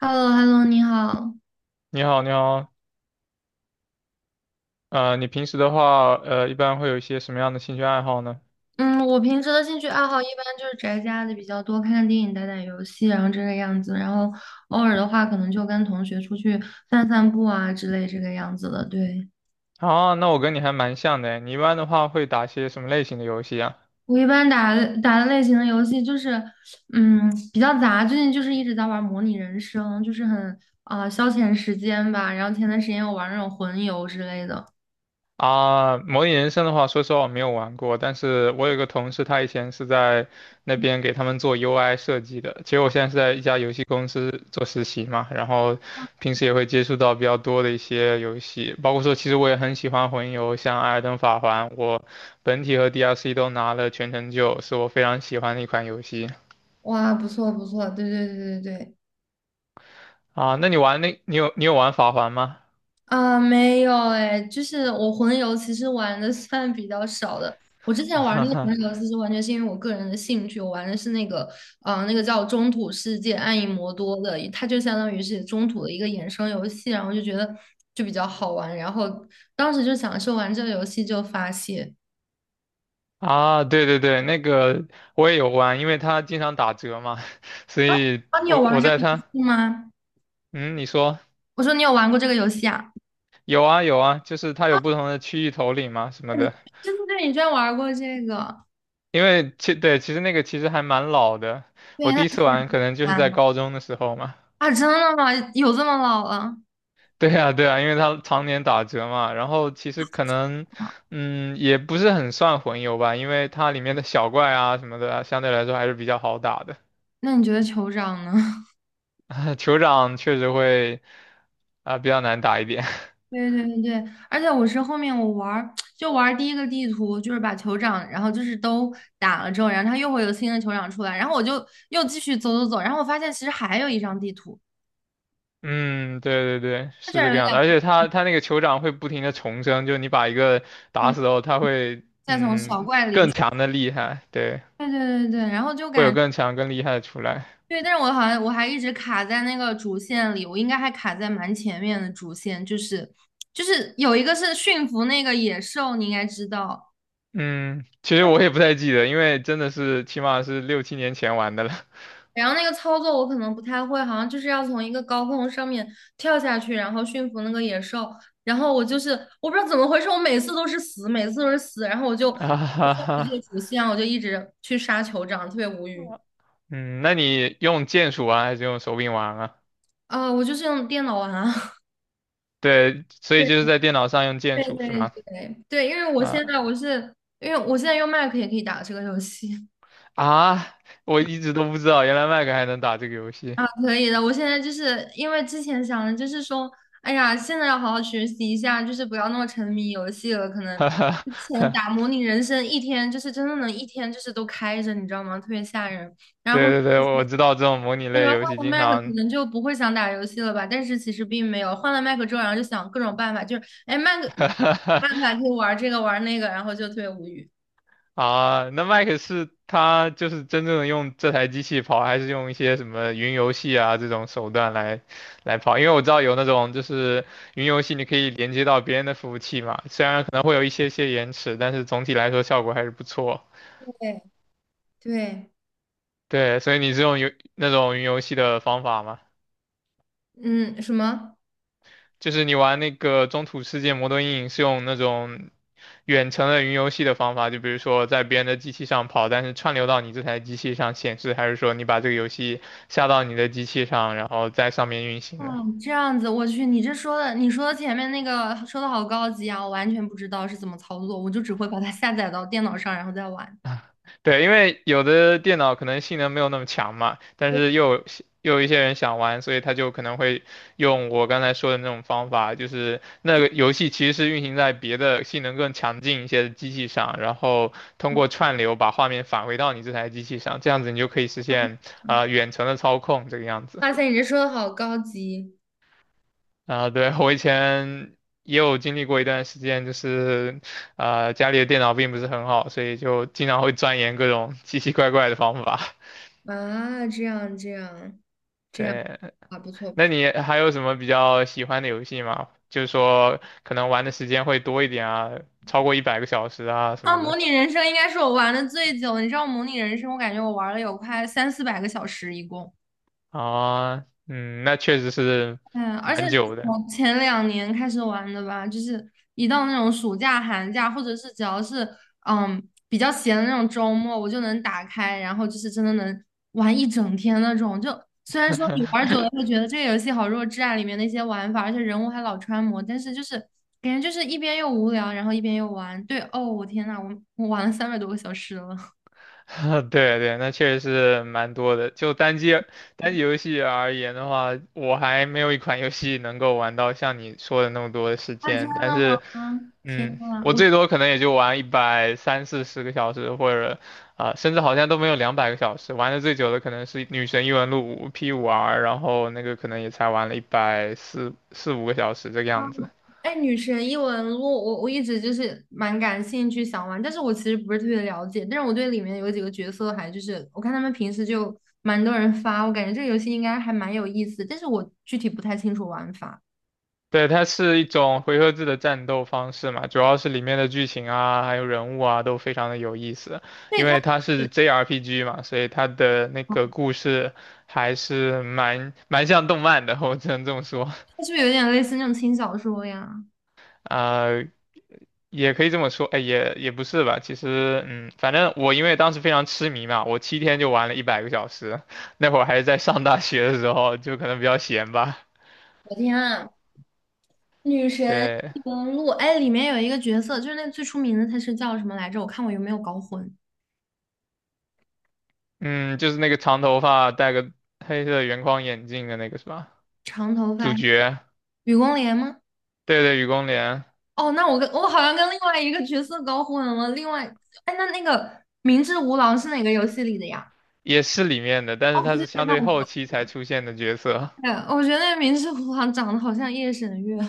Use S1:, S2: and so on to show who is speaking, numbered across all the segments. S1: h e l l o h e l l o 你好。
S2: 你好，你好，你平时的话，一般会有一些什么样的兴趣爱好呢？
S1: 嗯，我平时的兴趣爱好一般就是宅家的比较多，看看电影、打打游戏，然后这个样子。然后偶尔的话，可能就跟同学出去散散步啊之类这个样子的。对，
S2: 啊，那我跟你还蛮像的诶，你一般的话会打些什么类型的游戏啊？
S1: 我一般打的类型的游戏就是，嗯，比较杂。最近就是一直在玩模拟人生，就是很消遣时间吧。然后前段时间我玩那种魂游之类的，
S2: 啊，模拟人生的话，说实话我没有玩过，但是我有个同事，他以前是在那边给他们做 UI 设计的。其实我现在是在一家游戏公司做实习嘛，然后平时也会接触到比较多的一些游戏，包括说其实我也很喜欢魂游，像《艾尔登法环》，我本体和 DLC 都拿了全成就，是我非常喜欢的一款游戏。
S1: 哇，不错不错，对对对对对。
S2: 啊，那你有玩法环吗？
S1: 啊，没有哎，就是我魂游其实玩的算比较少的。我之前玩那个魂 游，其实完全是因为我个人的兴趣，我玩的是那个，那个叫《中土世界：暗影魔多》的，它就相当于是中土的一个衍生游戏，然后就觉得就比较好玩，然后当时就享受玩这个游戏就发泄。
S2: 啊，对对对，那个我也有玩，因为它经常打折嘛，所以
S1: 啊，你有
S2: 我
S1: 玩
S2: 我
S1: 这
S2: 在
S1: 个游
S2: 它，
S1: 戏吗？
S2: 嗯，你说
S1: 我说你有玩过这个游戏啊？
S2: 有啊有啊，就是它有不同的区域头领嘛什么的，
S1: 对对对，你居然玩过这个？
S2: 因为其实那个其实还蛮老的，
S1: 对，
S2: 我第
S1: 那
S2: 一
S1: 就
S2: 次玩可能就是在
S1: 玩
S2: 高中的时候嘛。
S1: 啊，真的吗？有这么老了？
S2: 对啊，对啊，因为它常年打折嘛，然后其实可能，
S1: 啊，
S2: 也不是很算混游吧，因为它里面的小怪啊什么的啊，相对来说还是比较好打的。
S1: 那你觉得酋长呢？
S2: 酋长确实会啊、比较难打一点。
S1: 对对对对，而且我是后面我玩儿第一个地图，就是把酋长，然后就是都打了之后，然后他又会有新的酋长出来，然后我就又继续走走走，然后我发现其实还有一张地图，
S2: 嗯，对对对，
S1: 它这
S2: 是
S1: 儿
S2: 这
S1: 有
S2: 个
S1: 两
S2: 样子。而且他那个酋长会不停的重生，就你把一个打死
S1: 再
S2: 后，他会
S1: 再从小怪
S2: 更
S1: 里，
S2: 强的厉害，对，
S1: 对对对对，然后就
S2: 会有
S1: 感
S2: 更强更厉害的出来。
S1: 对，但是我好像我还一直卡在那个主线里，我应该还卡在蛮前面的主线，就是有一个是驯服那个野兽，你应该知道。
S2: 嗯，其实我也不太记得，因为真的是起码是六七年前玩的了。
S1: 然后那个操作我可能不太会，好像就是要从一个高空上面跳下去，然后驯服那个野兽。然后我就是我不知道怎么回事，我每次都是死，每次都是死。然后我就 放
S2: 哈哈
S1: 弃这个
S2: 哈，
S1: 主线，我就一直去杀酋长，特别无语。
S2: 嗯，那你用键鼠玩还是用手柄玩啊？
S1: 我就是用电脑玩啊。
S2: 对，所以就是
S1: 对
S2: 在电脑上用
S1: 对
S2: 键鼠是
S1: 对
S2: 吗？
S1: 对对，因为我现
S2: 啊
S1: 在我是因为我现在用 Mac 也可以打这个游戏。
S2: 啊，我一直都不知道原来 Mac 还能打这个游戏。
S1: 啊，可以的。我现在就是因为之前想的就是说，哎呀，现在要好好学习一下，就是不要那么沉迷游戏了。可能
S2: 哈哈，
S1: 之前打模拟人生一天，就是真的能一天就是都开着，你知道吗？特别吓人。然后后
S2: 对对
S1: 面
S2: 对，我知道这种模拟
S1: 那时
S2: 类
S1: 候
S2: 游
S1: 换
S2: 戏
S1: 了
S2: 经
S1: Mac,可
S2: 常
S1: 能就不会想打游戏了吧？但是其实并没有，换了 Mac 之后，然后就想各种办法，就是哎，Mac 办法 可以玩这个玩那个，然后就特别无语。
S2: 啊，那 Mac 是他就是真正的用这台机器跑，还是用一些什么云游戏啊这种手段来跑？因为我知道有那种就是云游戏，你可以连接到别人的服务器嘛，虽然可能会有一些些延迟，但是总体来说效果还是不错。
S1: 对对，
S2: 对，所以你是用那种云游戏的方法吗？
S1: 嗯，什么？
S2: 就是你玩那个《中土世界魔盾印》是用那种远程的云游戏的方法，就比如说在别人的机器上跑，但是串流到你这台机器上显示，还是说你把这个游戏下到你的机器上，然后在上面运行呢？
S1: 嗯，这样子，我去，你这说的，你说的前面那个说的好高级啊，我完全不知道是怎么操作，我就只会把它下载到电脑上，然后再玩。
S2: 对，因为有的电脑可能性能没有那么强嘛，但是又有一些人想玩，所以他就可能会用我刚才说的那种方法，就是那个游戏其实是运行在别的性能更强劲一些的机器上，然后通过串流把画面返回到你这台机器上，这样子你就可以实现远程的操控这个样子。
S1: 哇塞，你这说的好高级
S2: 啊、对，我以前也有经历过一段时间，就是家里的电脑并不是很好，所以就经常会钻研各种 奇奇怪怪的方法。
S1: 啊！这样这样
S2: 对，
S1: 啊，不错不
S2: 那
S1: 错。
S2: 你还有什么比较喜欢的游戏吗？就是说可能玩的时间会多一点啊，超过一百个小时啊什
S1: 啊，
S2: 么
S1: 模
S2: 的
S1: 拟人生应该是我玩的最久，你知道模拟人生，我感觉我玩了有快三四百个小时一共。
S2: 啊，那确实是
S1: 嗯，而且
S2: 蛮
S1: 是
S2: 久的。
S1: 从前两年开始玩的吧，就是一到那种暑假、寒假，或者是只要是嗯比较闲的那种周末，我就能打开，然后就是真的能玩一整天那种。就虽然说你玩久了会觉得这个游戏好弱智啊，里面的一些玩法，而且人物还老穿模，但是就是感觉就是一边又无聊，然后一边又玩。对，哦，我天呐，我玩了三百多个小时了。
S2: 对对，那确实是蛮多的。就单机游戏而言的话，我还没有一款游戏能够玩到像你说的那么多的时
S1: 啊，真
S2: 间。但
S1: 的吗？
S2: 是
S1: 天呐，
S2: 我
S1: 我。
S2: 最多可能也就玩一百三四十个小时，或者啊、甚至好像都没有200个小时。玩的最久的可能是《女神异闻录五》P5R，然后那个可能也才玩了一百四四五个小时这个样子。
S1: 哎，女神异闻录，我一直就是蛮感兴趣想玩，但是我其实不是特别了解，但是我对里面有几个角色还就是我看他们平时就蛮多人发，我感觉这个游戏应该还蛮有意思，但是我具体不太清楚玩法。
S2: 对，它是一种回合制的战斗方式嘛，主要是里面的剧情啊，还有人物啊，都非常的有意思。
S1: 对，
S2: 因
S1: 它
S2: 为它是 JRPG 嘛，所以它的那个故事还是蛮像动漫的，我只能这么说。
S1: 它是不是有点类似那种轻小说呀？
S2: 啊、也可以这么说，哎，也不是吧。其实，反正我因为当时非常痴迷嘛，我7天就玩了一百个小时。那会儿还是在上大学的时候，就可能比较闲吧。
S1: 我天啊，女神
S2: 对，
S1: 异闻录，哎，里面有一个角色就是那最出名的，他是叫什么来着？我看我有没有搞混，
S2: 嗯，就是那个长头发、戴个黑色圆框眼镜的那个是吧？
S1: 长头
S2: 主
S1: 发，
S2: 角，
S1: 雨宫莲吗？
S2: 对对，雨宫莲
S1: 哦，那我好像跟另外一个角色搞混了。另外，哎，那个明智无郎是哪个游戏里的呀？
S2: 也是里面的，但
S1: 哦，
S2: 是他
S1: 对
S2: 是
S1: 对对，
S2: 相
S1: 那
S2: 对后
S1: 我
S2: 期才出现的角色。
S1: 对，我觉得那个明智无郎长得好像夜神月，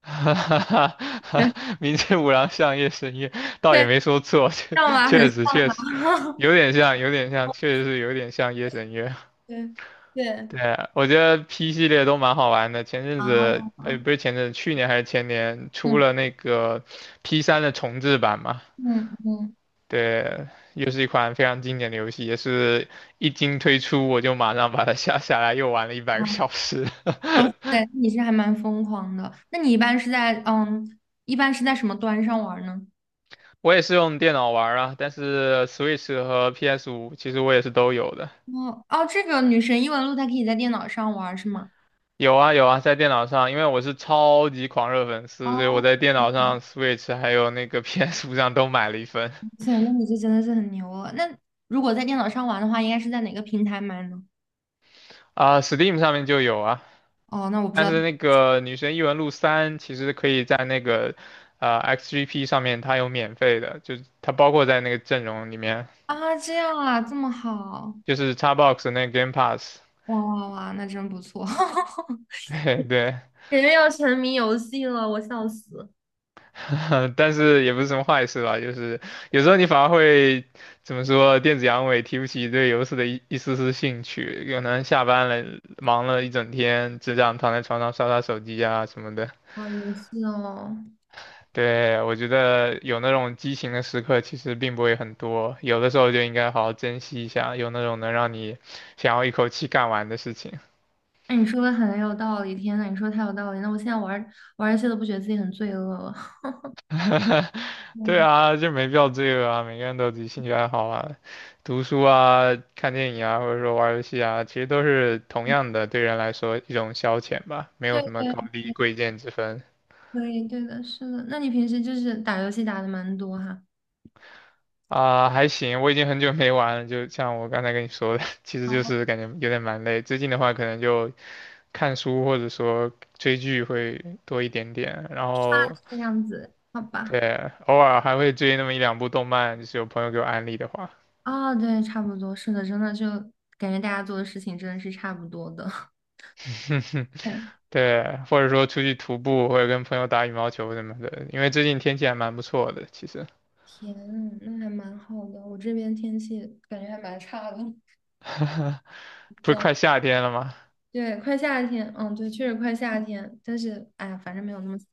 S2: 哈哈哈
S1: 对，
S2: 哈，
S1: 对
S2: 明知无像相夜神月，倒也没说错，
S1: 像吧，很像
S2: 确实
S1: 吧，
S2: 有点像，有点像，确实是有点像夜神月。
S1: 对对
S2: 对，我觉得 P 系列都蛮好玩的。前阵子，
S1: 啊，
S2: 不是前阵子，去年还是前年出
S1: 嗯
S2: 了那个 P3的重制版嘛？
S1: 嗯嗯，
S2: 对，又是一款非常经典的游戏，也是一经推出我就马上把它下下来，又玩了一百
S1: 啊，
S2: 个小时。
S1: 哇塞，你是还蛮疯狂的。那你一般是在嗯，一般是在什么端上玩呢？
S2: 我也是用电脑玩啊，但是 Switch 和 PS5其实我也是都有的。
S1: 哦哦，这个女神异闻录它可以在电脑上玩是吗？
S2: 有啊有啊，在电脑上，因为我是超级狂热粉丝，所以
S1: 哦
S2: 我在电脑上 Switch 还有那个 PS5上都买了一份
S1: 塞，那你就真的是很牛了。那如果在电脑上玩的话，应该是在哪个平台买呢？
S2: 啊，Steam 上面就有啊。
S1: 哦，那我不知
S2: 但
S1: 道
S2: 是那个《女神异闻录三》其实可以在那个XGP 上面，它有免费的，就它包括在那个阵容里面，
S1: 啊，这样啊，这么好，
S2: 就是 Xbox 的那个 Game Pass。
S1: 哇哇哇，那真不错，哈哈，
S2: 对对，
S1: 感觉要沉迷游戏了，我笑死。
S2: 但是也不是什么坏事吧，就是有时候你反而会怎么说，电子阳痿提不起对游戏的一丝丝兴趣，可能下班了忙了一整天，只想躺在床上刷刷手机啊什么的。
S1: 哇，游戏哦，
S2: 对，我觉得有那种激情的时刻其实并不会很多，有的时候就应该好好珍惜一下，有那种能让你想要一口气干完的事情。
S1: 那你说的很有道理，天呐，你说的太有道理，那我现在玩儿游戏都不觉得自己很罪恶了。
S2: 对
S1: 嗯，
S2: 啊，就没必要罪恶啊，每个人都有自己兴趣爱好啊，读书啊、看电影啊，或者说玩儿游戏啊，其实都是同样的，对人来说一种消遣吧，没有
S1: 对
S2: 什么
S1: 对
S2: 高低贵贱之分
S1: 对对的，是的。那你平时就是打游戏打的蛮多哈，
S2: 啊。还行，我已经很久没玩了，就像我刚才跟你说的，其实就是感觉有点蛮累。最近的话，可能就看书或者说追剧会多一点点，然后
S1: 这样子，好吧。
S2: 对，偶尔还会追那么一两部动漫，就是有朋友给我安利的话。
S1: 啊，对，差不多，是的，真的就感觉大家做的事情真的是差不多的。对，
S2: 对，或者说出去徒步，或者跟朋友打羽毛球什么的，因为最近天气还蛮不错的，其实，
S1: 天呐那还蛮好的。我这边天气感觉还蛮差的。
S2: 不是快夏天了吗？
S1: 对，快夏天，嗯，对，确实快夏天，但是哎呀，反正没有那么，今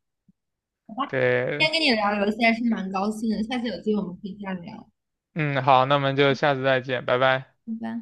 S2: 对，
S1: 天跟你聊游戏还是蛮高兴的，下次有机会我们可以再聊。
S2: 嗯，好，那我们就下次再见，拜拜。
S1: 拜拜。